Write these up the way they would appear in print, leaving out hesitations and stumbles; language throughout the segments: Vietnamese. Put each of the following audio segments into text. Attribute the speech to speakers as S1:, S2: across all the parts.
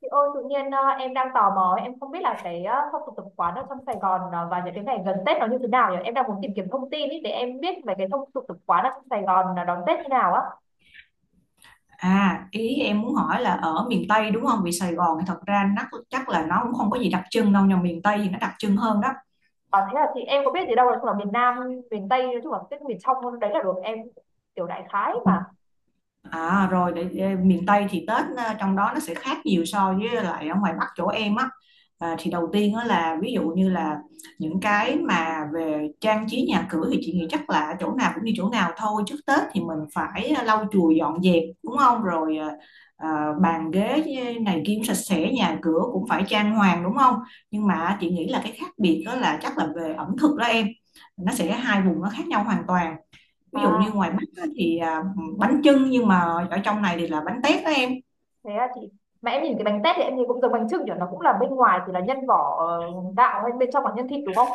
S1: Chị ơi, tự nhiên em đang tò mò, ấy, em không biết là cái phong tục tập quán ở trong Sài Gòn và những cái ngày gần Tết nó như thế nào nhỉ? Em đang muốn tìm kiếm thông tin ý, để em biết về cái phong tục tập quán ở trong Sài Gòn là đón Tết như nào á.
S2: À, ý em muốn hỏi là ở miền Tây đúng không? Vì Sài Gòn thì thật ra nó chắc là nó cũng không có gì đặc trưng đâu, nhưng miền Tây thì nó đặc trưng hơn đó.
S1: À, thế là chị em có biết gì đâu, nói chung là miền Nam, miền Tây, nói chung là Tết miền trong đấy là được em kiểu đại khái mà.
S2: À rồi để miền Tây thì Tết trong đó nó sẽ khác nhiều so với lại ở ngoài Bắc chỗ em á. À, thì đầu tiên á là ví dụ như là những cái mà về trang trí nhà cửa thì chị nghĩ chắc là chỗ nào cũng như chỗ nào thôi. Trước Tết thì mình phải lau chùi dọn dẹp đúng không? Rồi ờ, bàn ghế này kia cũng sạch sẽ, nhà cửa cũng phải trang hoàng đúng không? Nhưng mà chị nghĩ là cái khác biệt đó là chắc là về ẩm thực đó em. Nó sẽ hai vùng nó khác nhau hoàn toàn, ví dụ như
S1: À,
S2: ngoài Bắc á, thì bánh chưng, nhưng mà ở trong này thì là bánh tét đó em.
S1: thế là chị, mà em nhìn cái bánh tét thì em nhìn cũng giống bánh chưng nhỉ, nó cũng là bên ngoài thì là nhân vỏ gạo hay bên trong là nhân thịt đúng không?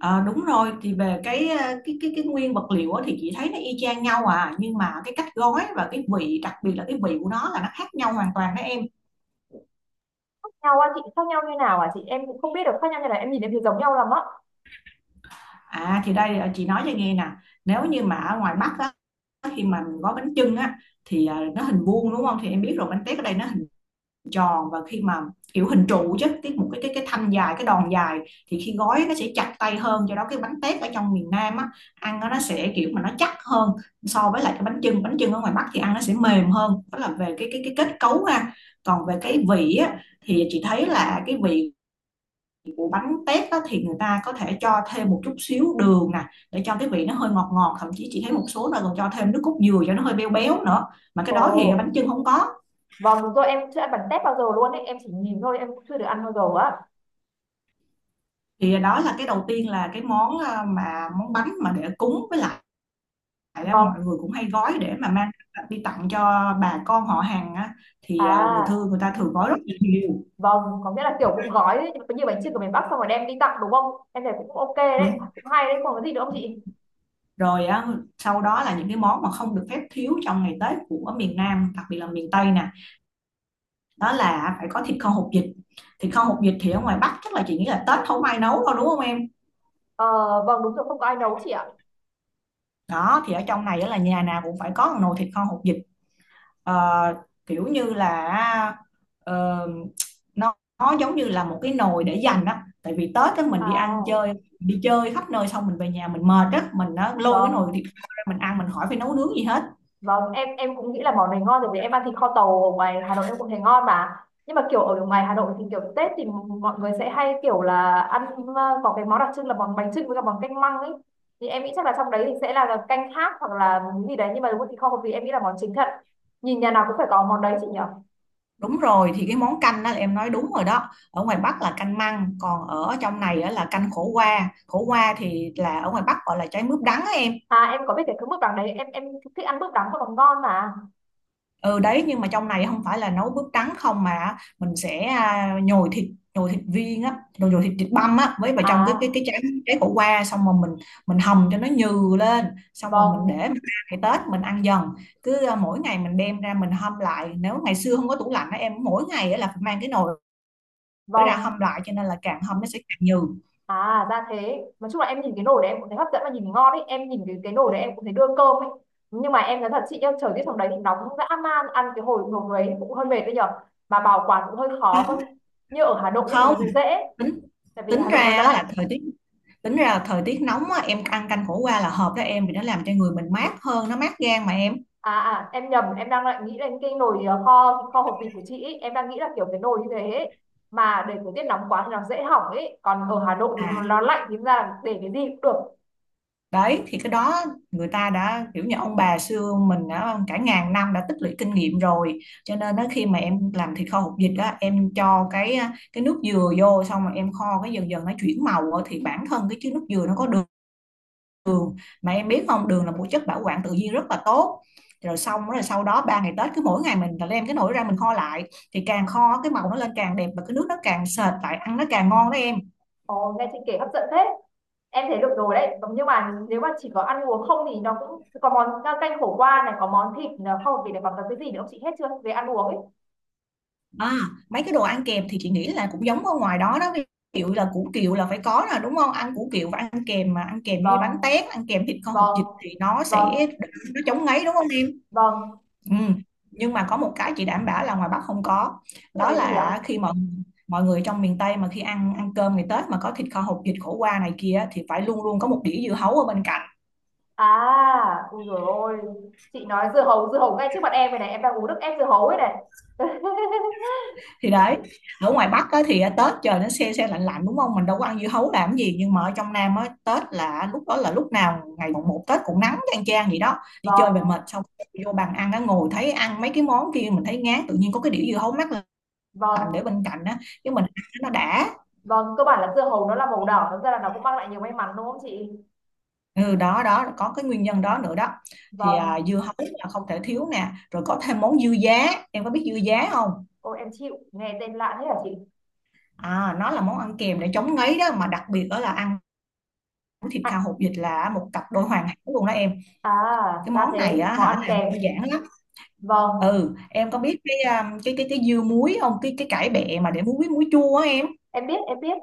S2: Ờ, đúng rồi, thì về cái cái nguyên vật liệu á thì chị thấy nó y chang nhau, à nhưng mà cái cách gói và cái vị, đặc biệt là cái vị của nó là nó khác nhau hoàn toàn đó em.
S1: Khác nhau á chị, khác nhau như nào à chị, em cũng không biết được khác nhau như nào, em nhìn em thấy giống nhau lắm á.
S2: À thì đây, à, chị nói cho nghe nè, nếu như mà ở ngoài Bắc á, khi mà mình gói bánh chưng á thì nó hình vuông đúng không, thì em biết rồi, bánh tét ở đây nó tròn, và khi mà kiểu hình trụ chứ, cái một cái thanh dài, cái đòn dài, thì khi gói nó sẽ chặt tay hơn, do đó cái bánh tét ở trong miền Nam á ăn nó sẽ kiểu mà nó chắc hơn so với lại cái bánh chưng, bánh chưng ở ngoài Bắc thì ăn nó sẽ mềm hơn. Đó là về cái cái kết cấu ha. Còn về cái vị á thì chị thấy là cái vị của bánh tét á, thì người ta có thể cho thêm một chút xíu đường nè, để cho cái vị nó hơi ngọt ngọt, thậm chí chị thấy một số nơi còn cho thêm nước cốt dừa cho nó hơi béo béo nữa, mà cái đó thì
S1: Ồ.
S2: bánh chưng không có.
S1: Vâng, đúng rồi, em cũng chưa ăn bánh tét bao giờ luôn ấy. Em chỉ nhìn thôi, em cũng chưa được ăn bao giờ á.
S2: Thì đó là cái đầu tiên, là cái món, mà món bánh mà để cúng, với lại á,
S1: Vâng.
S2: mọi người cũng hay gói để mà mang đi tặng cho bà con họ hàng á, thì người thương
S1: À,
S2: người ta thường gói rất là nhiều.
S1: vâng, có nghĩa là kiểu cũng gói đấy, như bánh chưng của miền Bắc xong rồi đem đi tặng đúng không? Em thấy cũng ok đấy,
S2: Đúng
S1: cũng hay đấy, còn cái gì nữa không chị?
S2: rồi á, sau đó là những cái món mà không được phép thiếu trong ngày Tết của miền Nam, đặc biệt là miền Tây nè, đó là phải có thịt kho hột vịt. Thịt kho hột vịt thì ở ngoài Bắc chắc là chị nghĩ là Tết không ai nấu đâu đúng không em.
S1: Ờ, vâng, đúng rồi, không có ai nấu chị ạ.
S2: Đó thì ở trong này á là nhà nào cũng phải có một nồi thịt kho hột vịt. Ờ, kiểu như là ờ, nó giống như là một cái nồi để dành á, tại vì Tết á mình đi ăn
S1: À,
S2: chơi, đi chơi khắp nơi xong mình về nhà mình mệt á, mình á, lôi cái nồi thịt
S1: vâng.
S2: kho ra mình ăn, mình hỏi phải nấu nướng gì hết.
S1: Vâng, em cũng nghĩ là món này ngon rồi, vì em ăn thịt kho tàu ở ngoài Hà Nội em cũng thấy ngon mà. Nhưng mà kiểu ở ngoài Hà Nội thì kiểu Tết thì mọi người sẽ hay kiểu là ăn có cái món đặc trưng là món bánh chưng với cả món canh măng ấy. Thì em nghĩ chắc là trong đấy thì sẽ là canh khác hoặc là cái gì đấy, nhưng mà đúng thịt kho vì em nghĩ là món chính thật. Nhìn nhà nào cũng phải có món đấy chị nhỉ.
S2: Đúng rồi, thì cái món canh đó là em nói đúng rồi đó, ở ngoài Bắc là canh măng, còn ở trong này á, là canh khổ qua. Khổ qua thì là ở ngoài Bắc gọi là trái mướp đắng á em.
S1: À, em có biết cái thứ mực đắng đấy, em thích ăn mực đắng và món ngon mà.
S2: Ừ đấy, nhưng mà trong này không phải là nấu bước trắng không, mà mình sẽ à, nhồi thịt, nhồi thịt viên á, rồi nhồi thịt, thịt băm á với vào trong cái cái
S1: À,
S2: cái trái, trái khổ qua, xong rồi mình hầm cho nó nhừ lên, xong rồi mình để mình
S1: vâng,
S2: ăn, ngày Tết mình ăn dần, cứ à, mỗi ngày mình đem ra mình hâm lại. Nếu ngày xưa không có tủ lạnh á em, mỗi ngày á là phải mang cái nồi ra hâm
S1: vâng.
S2: lại, cho nên là càng hâm nó sẽ càng nhừ.
S1: À ra thế. Nói chung là em nhìn cái nồi đấy em cũng thấy hấp dẫn và nhìn ngon ấy. Em nhìn cái nồi đấy em cũng thấy đưa cơm ấy. Nhưng mà em nói thật chị nhá. Trời tiết trong đấy thì nóng dã man. Ăn cái hồi nồi đấy cũng hơi mệt đấy nhở. Mà bảo quản cũng hơi khó cơ. Như ở Hà Nội nhất thì
S2: Không,
S1: nó sẽ dễ.
S2: tính
S1: Tại vì
S2: tính
S1: Hà
S2: ra
S1: Nội nó
S2: á là
S1: lạnh.
S2: thời tiết, tính ra là thời tiết nóng á, em ăn canh khổ qua là hợp đó em, vì nó làm cho người mình mát hơn, nó mát gan mà em.
S1: À, à, em nhầm, em đang lại nghĩ đến cái nồi kho kho hộp vịt của chị ấy. Em đang nghĩ là kiểu cái nồi như thế ấy. Mà để thời tiết nóng quá thì nó dễ hỏng ấy. Còn ở Hà Nội thì
S2: À,
S1: nó lạnh thì ra là để cái gì cũng được.
S2: đấy thì cái đó người ta đã kiểu như ông bà xưa mình đã cả ngàn năm đã tích lũy kinh nghiệm rồi, cho nên đó, khi mà em làm thịt kho hột vịt đó, em cho cái nước dừa vô, xong rồi em kho cái dần dần nó chuyển màu á, thì bản thân cái chứa nước dừa nó có đường, mà em biết không, đường là một chất bảo quản tự nhiên rất là tốt. Rồi xong rồi sau đó ba ngày Tết, cứ mỗi ngày mình là đem cái nồi ra mình kho lại, thì càng kho cái màu nó lên càng đẹp, và cái nước nó càng sệt lại, ăn nó càng ngon đó em.
S1: Ồ, nghe chị kể hấp dẫn thế. Em thấy được rồi đấy. Vâng. Nhưng mà nếu mà chỉ có ăn uống không thì nó cũng có món canh khổ qua này, có món thịt này, không vì này, còn có cái gì nữa không chị, hết chưa? Về ăn uống ấy.
S2: À, mấy cái đồ ăn kèm thì chị nghĩ là cũng giống ở ngoài đó đó, ví dụ là củ kiệu là phải có là đúng không, ăn củ kiệu và ăn kèm, mà ăn kèm với bánh
S1: Vâng,
S2: tét, ăn kèm thịt kho hột
S1: vâng,
S2: vịt thì nó
S1: vâng,
S2: sẽ, nó chống ngấy đúng không em.
S1: vâng.
S2: Ừ. Nhưng mà có một cái chị đảm bảo là ngoài Bắc không có,
S1: Tức là
S2: đó
S1: cái gì ạ?
S2: là khi mọi mọi người trong miền Tây mà khi ăn, ăn cơm ngày Tết mà có thịt kho hột vịt, khổ qua này kia, thì phải luôn luôn có một đĩa dưa hấu ở bên cạnh.
S1: À, ui dồi ôi. Chị nói dưa hấu ngay trước mặt em này này. Em đang uống nước ép dưa hấu ấy này.
S2: Thì đấy, ở ngoài Bắc á, thì Tết trời nó se se lạnh lạnh đúng không, mình đâu có ăn dưa hấu làm gì, nhưng mà ở trong Nam á, Tết là lúc đó là lúc nào ngày mùng một Tết cũng nắng chang chang gì đó, đi chơi về mệt
S1: Vâng,
S2: xong vô bàn ăn á, ngồi thấy ăn mấy cái món kia mình thấy ngán, tự nhiên có cái đĩa dưa hấu mát lạnh
S1: vâng,
S2: để bên cạnh á, cái mình ăn nó đã.
S1: vâng. Cơ bản là dưa hấu nó là màu đỏ, thật ra là nó cũng mang lại nhiều may mắn đúng không chị?
S2: Ừ, đó đó, có cái nguyên nhân đó nữa đó. Thì à,
S1: Vâng.
S2: dưa hấu là không thể thiếu nè, rồi có thêm món dưa giá, em có biết dưa giá không.
S1: Ôi em chịu, nghe tên lạ thế hả chị?
S2: À nó là món ăn kèm để chống ngấy đó, mà đặc biệt đó là ăn món thịt kho
S1: À,
S2: hột vịt là một cặp đôi hoàn hảo luôn đó em.
S1: à,
S2: Cái
S1: ra
S2: món
S1: thế,
S2: này á
S1: món
S2: hả,
S1: ăn
S2: làm
S1: kèm.
S2: đơn giản lắm.
S1: Vâng,
S2: Ừ em có biết cái cái dưa muối không, cái cải bẹ mà để muối, muối chua á em.
S1: em biết, em biết.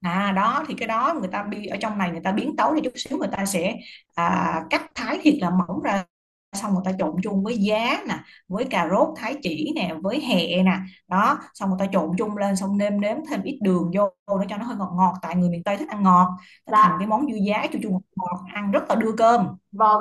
S2: À đó thì cái đó người ta bi, ở trong này người ta biến tấu đi chút xíu, người ta sẽ à, cắt thái thịt là mỏng ra, xong người ta trộn chung với giá nè, với cà rốt thái chỉ nè, với hẹ nè, đó xong người ta trộn chung lên, xong nêm nếm thêm ít đường vô để cho nó hơi ngọt ngọt, tại người miền Tây thích ăn ngọt, nó
S1: Dạ,
S2: thành cái món dưa giá chua chua ngọt ngọt ăn rất là đưa cơm.
S1: vâng.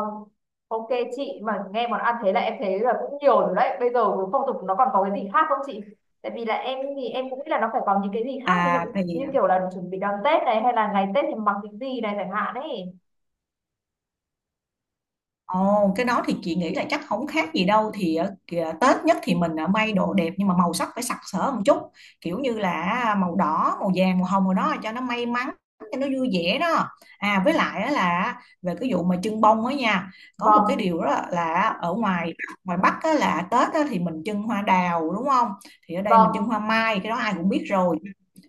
S1: Ok chị, mà nghe món ăn thế là em thấy là cũng nhiều rồi đấy. Bây giờ phong tục nó còn có cái gì khác không chị? Tại vì là em thì em cũng nghĩ là nó phải có những cái gì khác, ví dụ
S2: À thì
S1: như kiểu là chuẩn bị đón Tết này hay là ngày Tết thì mặc cái gì này chẳng hạn ấy.
S2: ồ, cái đó thì chị nghĩ là chắc không khác gì đâu, thì kìa, Tết nhất thì mình may đồ đẹp, nhưng mà màu sắc phải sặc sỡ một chút, kiểu như là màu đỏ, màu vàng, màu hồng rồi đó, cho nó may mắn, cho nó vui vẻ đó. À với lại á là về cái vụ mà trưng bông á nha, có một cái
S1: Vâng,
S2: điều đó là ở ngoài ngoài Bắc á là Tết á thì mình trưng hoa đào đúng không, thì ở đây mình trưng
S1: vâng.
S2: hoa mai, cái đó ai cũng biết rồi.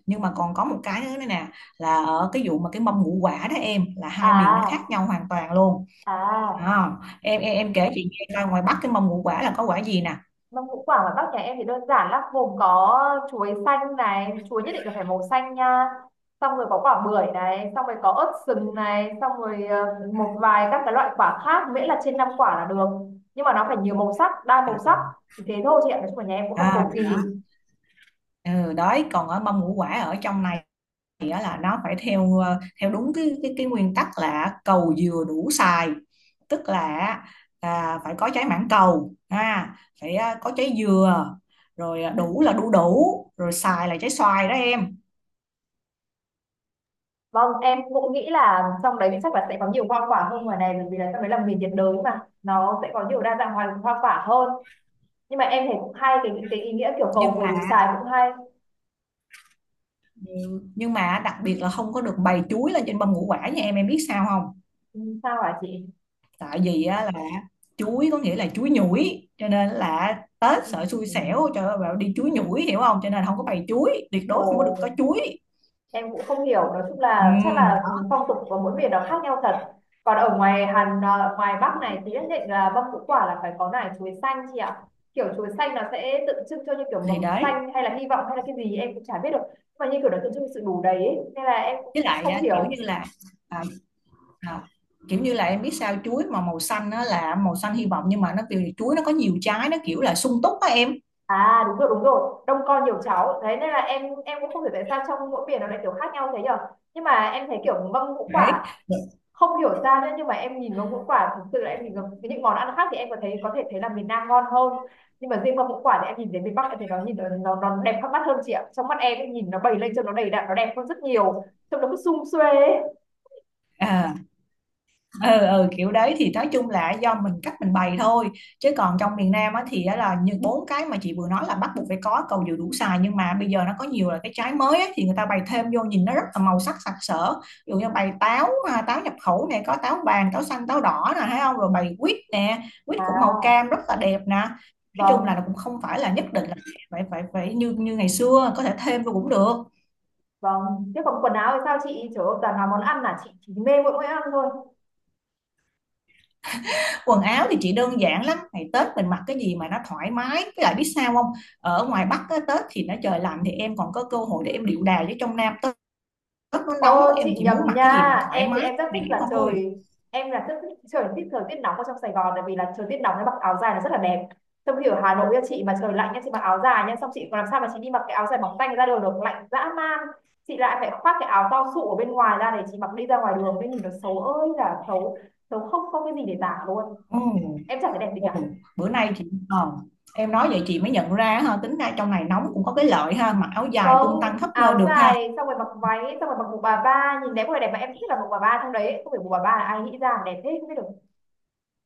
S2: Nhưng mà còn có một cái nữa này nè, là ở cái vụ mà cái mâm ngũ quả đó em, là hai miền nó khác
S1: À,
S2: nhau hoàn toàn luôn.
S1: à.
S2: Ờ, em kể chị nghe coi, ngoài Bắc cái mâm ngũ quả là có quả gì nè.
S1: Mâm ngũ quả ngoài Bắc nhà em thì đơn giản lắm, gồm có chuối xanh này, chuối nhất định là phải màu xanh nha. Xong rồi có quả bưởi này, xong rồi có ớt sừng này, xong rồi một vài các cái loại quả khác, miễn là trên 5 quả là được. Nhưng mà nó phải nhiều màu sắc, đa
S2: À,
S1: màu sắc. Chỉ thế thôi chị ạ, nói chung là nhà em cũng không
S2: à,
S1: cầu kỳ.
S2: ừ, đấy, còn ở mâm ngũ quả ở trong này thì á là nó phải theo ờ, theo đúng cái cái nguyên tắc là cầu dừa đủ xài, tức là à, phải có trái mảng cầu ha, phải à, có trái dừa, rồi à, đủ là đu đủ, rồi xài là trái xoài đó em.
S1: Vâng, em cũng nghĩ là trong đấy chắc là sẽ có nhiều hoa quả hơn ngoài này, bởi vì là trong đấy là miền nhiệt đới mà, nó sẽ có nhiều đa dạng hoa quả hơn. Nhưng mà em thấy cũng hay cái ý nghĩa kiểu cầu
S2: nhưng
S1: vừa đủ
S2: mà
S1: xài cũng hay.
S2: nhưng mà đặc biệt là không có được bày chuối lên trên mâm ngũ quả nha em biết sao không.
S1: Ừ, sao hả chị?
S2: Tại vì á là chuối có nghĩa là chuối nhủi, cho nên là Tết sợ xui
S1: Ừ.
S2: xẻo, trời ơi bảo đi chuối nhủi hiểu không, cho nên không có bày chuối, tuyệt đối không có được
S1: Ồ,
S2: có chuối.
S1: em cũng không hiểu, nói chung
S2: Ừ,
S1: là chắc là
S2: đó.
S1: phong tục của mỗi miền nó khác nhau thật. Còn ở ngoài Hàn à, ngoài Bắc này thì nhất định là mâm ngũ quả là phải có nải chuối xanh chị ạ. Kiểu chuối xanh nó sẽ tượng trưng cho như kiểu mầm
S2: Thì đấy,
S1: xanh hay là hy vọng hay là cái gì em cũng chả biết được, nhưng mà như kiểu nó tượng trưng cho sự đủ đầy ấy. Nên là em cũng
S2: với lại
S1: không
S2: á, kiểu
S1: hiểu.
S2: như là à, à, kiểu như là em biết sao, chuối mà màu xanh nó là màu xanh hy vọng, nhưng mà nó kiểu chuối nó có nhiều trái nó kiểu là sung túc á em.
S1: À, đúng rồi, đúng rồi, đông con nhiều cháu đấy, nên là em cũng không hiểu tại sao trong mỗi miền nó lại kiểu khác nhau thế nhở. Nhưng mà em thấy kiểu mâm ngũ
S2: Đấy,
S1: quả không hiểu ra nữa, nhưng mà em nhìn vào ngũ quả thực sự là em nhìn vào những món ăn khác thì em có thể thấy là miền Nam ngon hơn. Nhưng mà riêng vào ngũ quả thì em nhìn đến miền Bắc em thấy nó nhìn nó đẹp khác mắt hơn chị ạ, trong mắt em ấy, nhìn nó bày lên cho nó đầy đặn nó đẹp hơn rất nhiều. Trông nó cứ sum suê ấy.
S2: à, ừ ừ, kiểu đấy thì nói chung là do mình cách mình bày thôi, chứ còn trong miền Nam á thì á là như bốn cái mà chị vừa nói là bắt buộc phải có cầu dừa đủ xài, nhưng mà bây giờ nó có nhiều là cái trái mới á, thì người ta bày thêm vô nhìn nó rất là màu sắc sặc sỡ, ví dụ như bày táo, à, táo nhập khẩu này có táo vàng, táo xanh, táo đỏ nè thấy không, rồi bày quýt nè, quýt cũng màu
S1: À,
S2: cam rất là đẹp nè, nói chung là nó
S1: vâng,
S2: cũng không phải là nhất định là phải phải phải như như ngày xưa, có thể thêm vô cũng được.
S1: vâng, thế còn quần áo thì sao chị, trời ơi toàn là món ăn là chị chỉ mê mỗi món ăn thôi.
S2: Quần áo thì chị đơn giản lắm, ngày Tết mình mặc cái gì mà nó thoải mái, với lại biết sao không, ở ngoài Bắc á, Tết thì nó trời lạnh thì em còn có cơ hội để em điệu đà, với trong Nam Tết, Tết nó nóng
S1: Ô
S2: em
S1: chị
S2: chỉ
S1: nhầm
S2: muốn mặc cái gì
S1: nha.
S2: mà thoải
S1: Em thì
S2: mái
S1: em rất thích
S2: để
S1: là
S2: thôi.
S1: trời. Em là rất thích trời, thích thời tiết nóng ở trong Sài Gòn. Tại vì là trời tiết nóng em mặc áo dài là rất là đẹp. Trong khi ở Hà Nội nha chị mà trời lạnh nha. Chị mặc áo dài nha. Xong chị còn làm sao mà chị đi mặc cái áo dài mỏng tanh ra đường được. Lạnh dã man. Chị lại phải khoác cái áo to sụ ở bên ngoài ra. Để chị mặc đi ra ngoài đường. Thế nhìn nó xấu ơi là xấu. Xấu không không cái gì để tả luôn.
S2: Ừ.
S1: Em chẳng thấy đẹp gì
S2: Ừ.
S1: cả.
S2: Bữa nay chị ờ, em nói vậy chị mới nhận ra ha, tính ra trong này nóng cũng có cái lợi ha, mặc áo dài
S1: Vâng,
S2: tung tăng khắp
S1: áo
S2: nơi được ha.
S1: dài xong rồi mặc váy. Xong rồi mặc bộ bà ba. Nhìn đẹp, có vẻ đẹp mà em thích nhất là bộ bà ba trong đấy. Không phải bộ bà ba là ai nghĩ ra mà đẹp thế không biết được.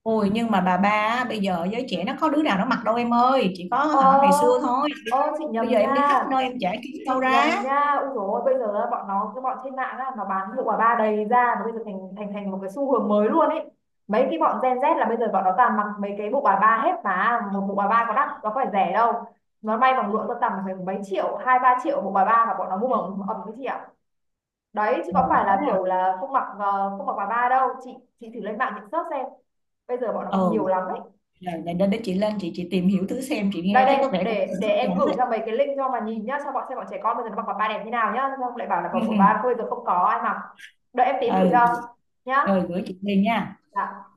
S2: Ôi nhưng mà bà ba á, bây giờ giới trẻ nó có đứa nào nó mặc đâu em ơi, chỉ có
S1: ờ
S2: hả ngày xưa thôi,
S1: Ơ chị nhầm
S2: bây giờ em đi
S1: nha,
S2: khắp nơi em chả kiếm
S1: chị
S2: đâu
S1: nhầm
S2: ra.
S1: nha, ui dồi ôi, bây giờ là bọn nó cái bọn trên mạng á nó bán hiệu quả ba đầy ra mà bây giờ thành thành thành một cái xu hướng mới luôn ấy. Mấy cái bọn Gen Z là bây giờ bọn nó toàn mặc mấy cái bộ bà ba hết mà một bộ bà ba có đắt nó có phải rẻ đâu. Nó may bằng lụa tơ tằm phải mấy triệu hai ba triệu bộ bà ba mà bọn nó mua ẩm ẩm cái gì ạ. Đấy chứ
S2: Ừ,
S1: có phải
S2: thế
S1: là
S2: à.
S1: kiểu là không mặc không mặc bà ba đâu chị thử lên mạng chị search xem. Bây giờ bọn nó
S2: Ừ.
S1: mặc nhiều lắm đấy.
S2: Rồi, để đến đấy chị lên chị tìm hiểu thử xem, chị
S1: Đây
S2: nghe thấy có
S1: đây,
S2: vẻ cũng hấp
S1: để em
S2: dẫn
S1: gửi
S2: đấy.
S1: cho mấy cái link cho mà nhìn nhá, cho bọn xem bọn trẻ con bây giờ nó mặc vào ba đẹp như nào nhá, không lại bảo là
S2: Ừ,
S1: của
S2: ừ.
S1: ba cô giờ không có ai mặc. Đợi em tím gửi
S2: Ừ,
S1: cho nhá.
S2: rồi gửi chị liền nha.
S1: Dạ.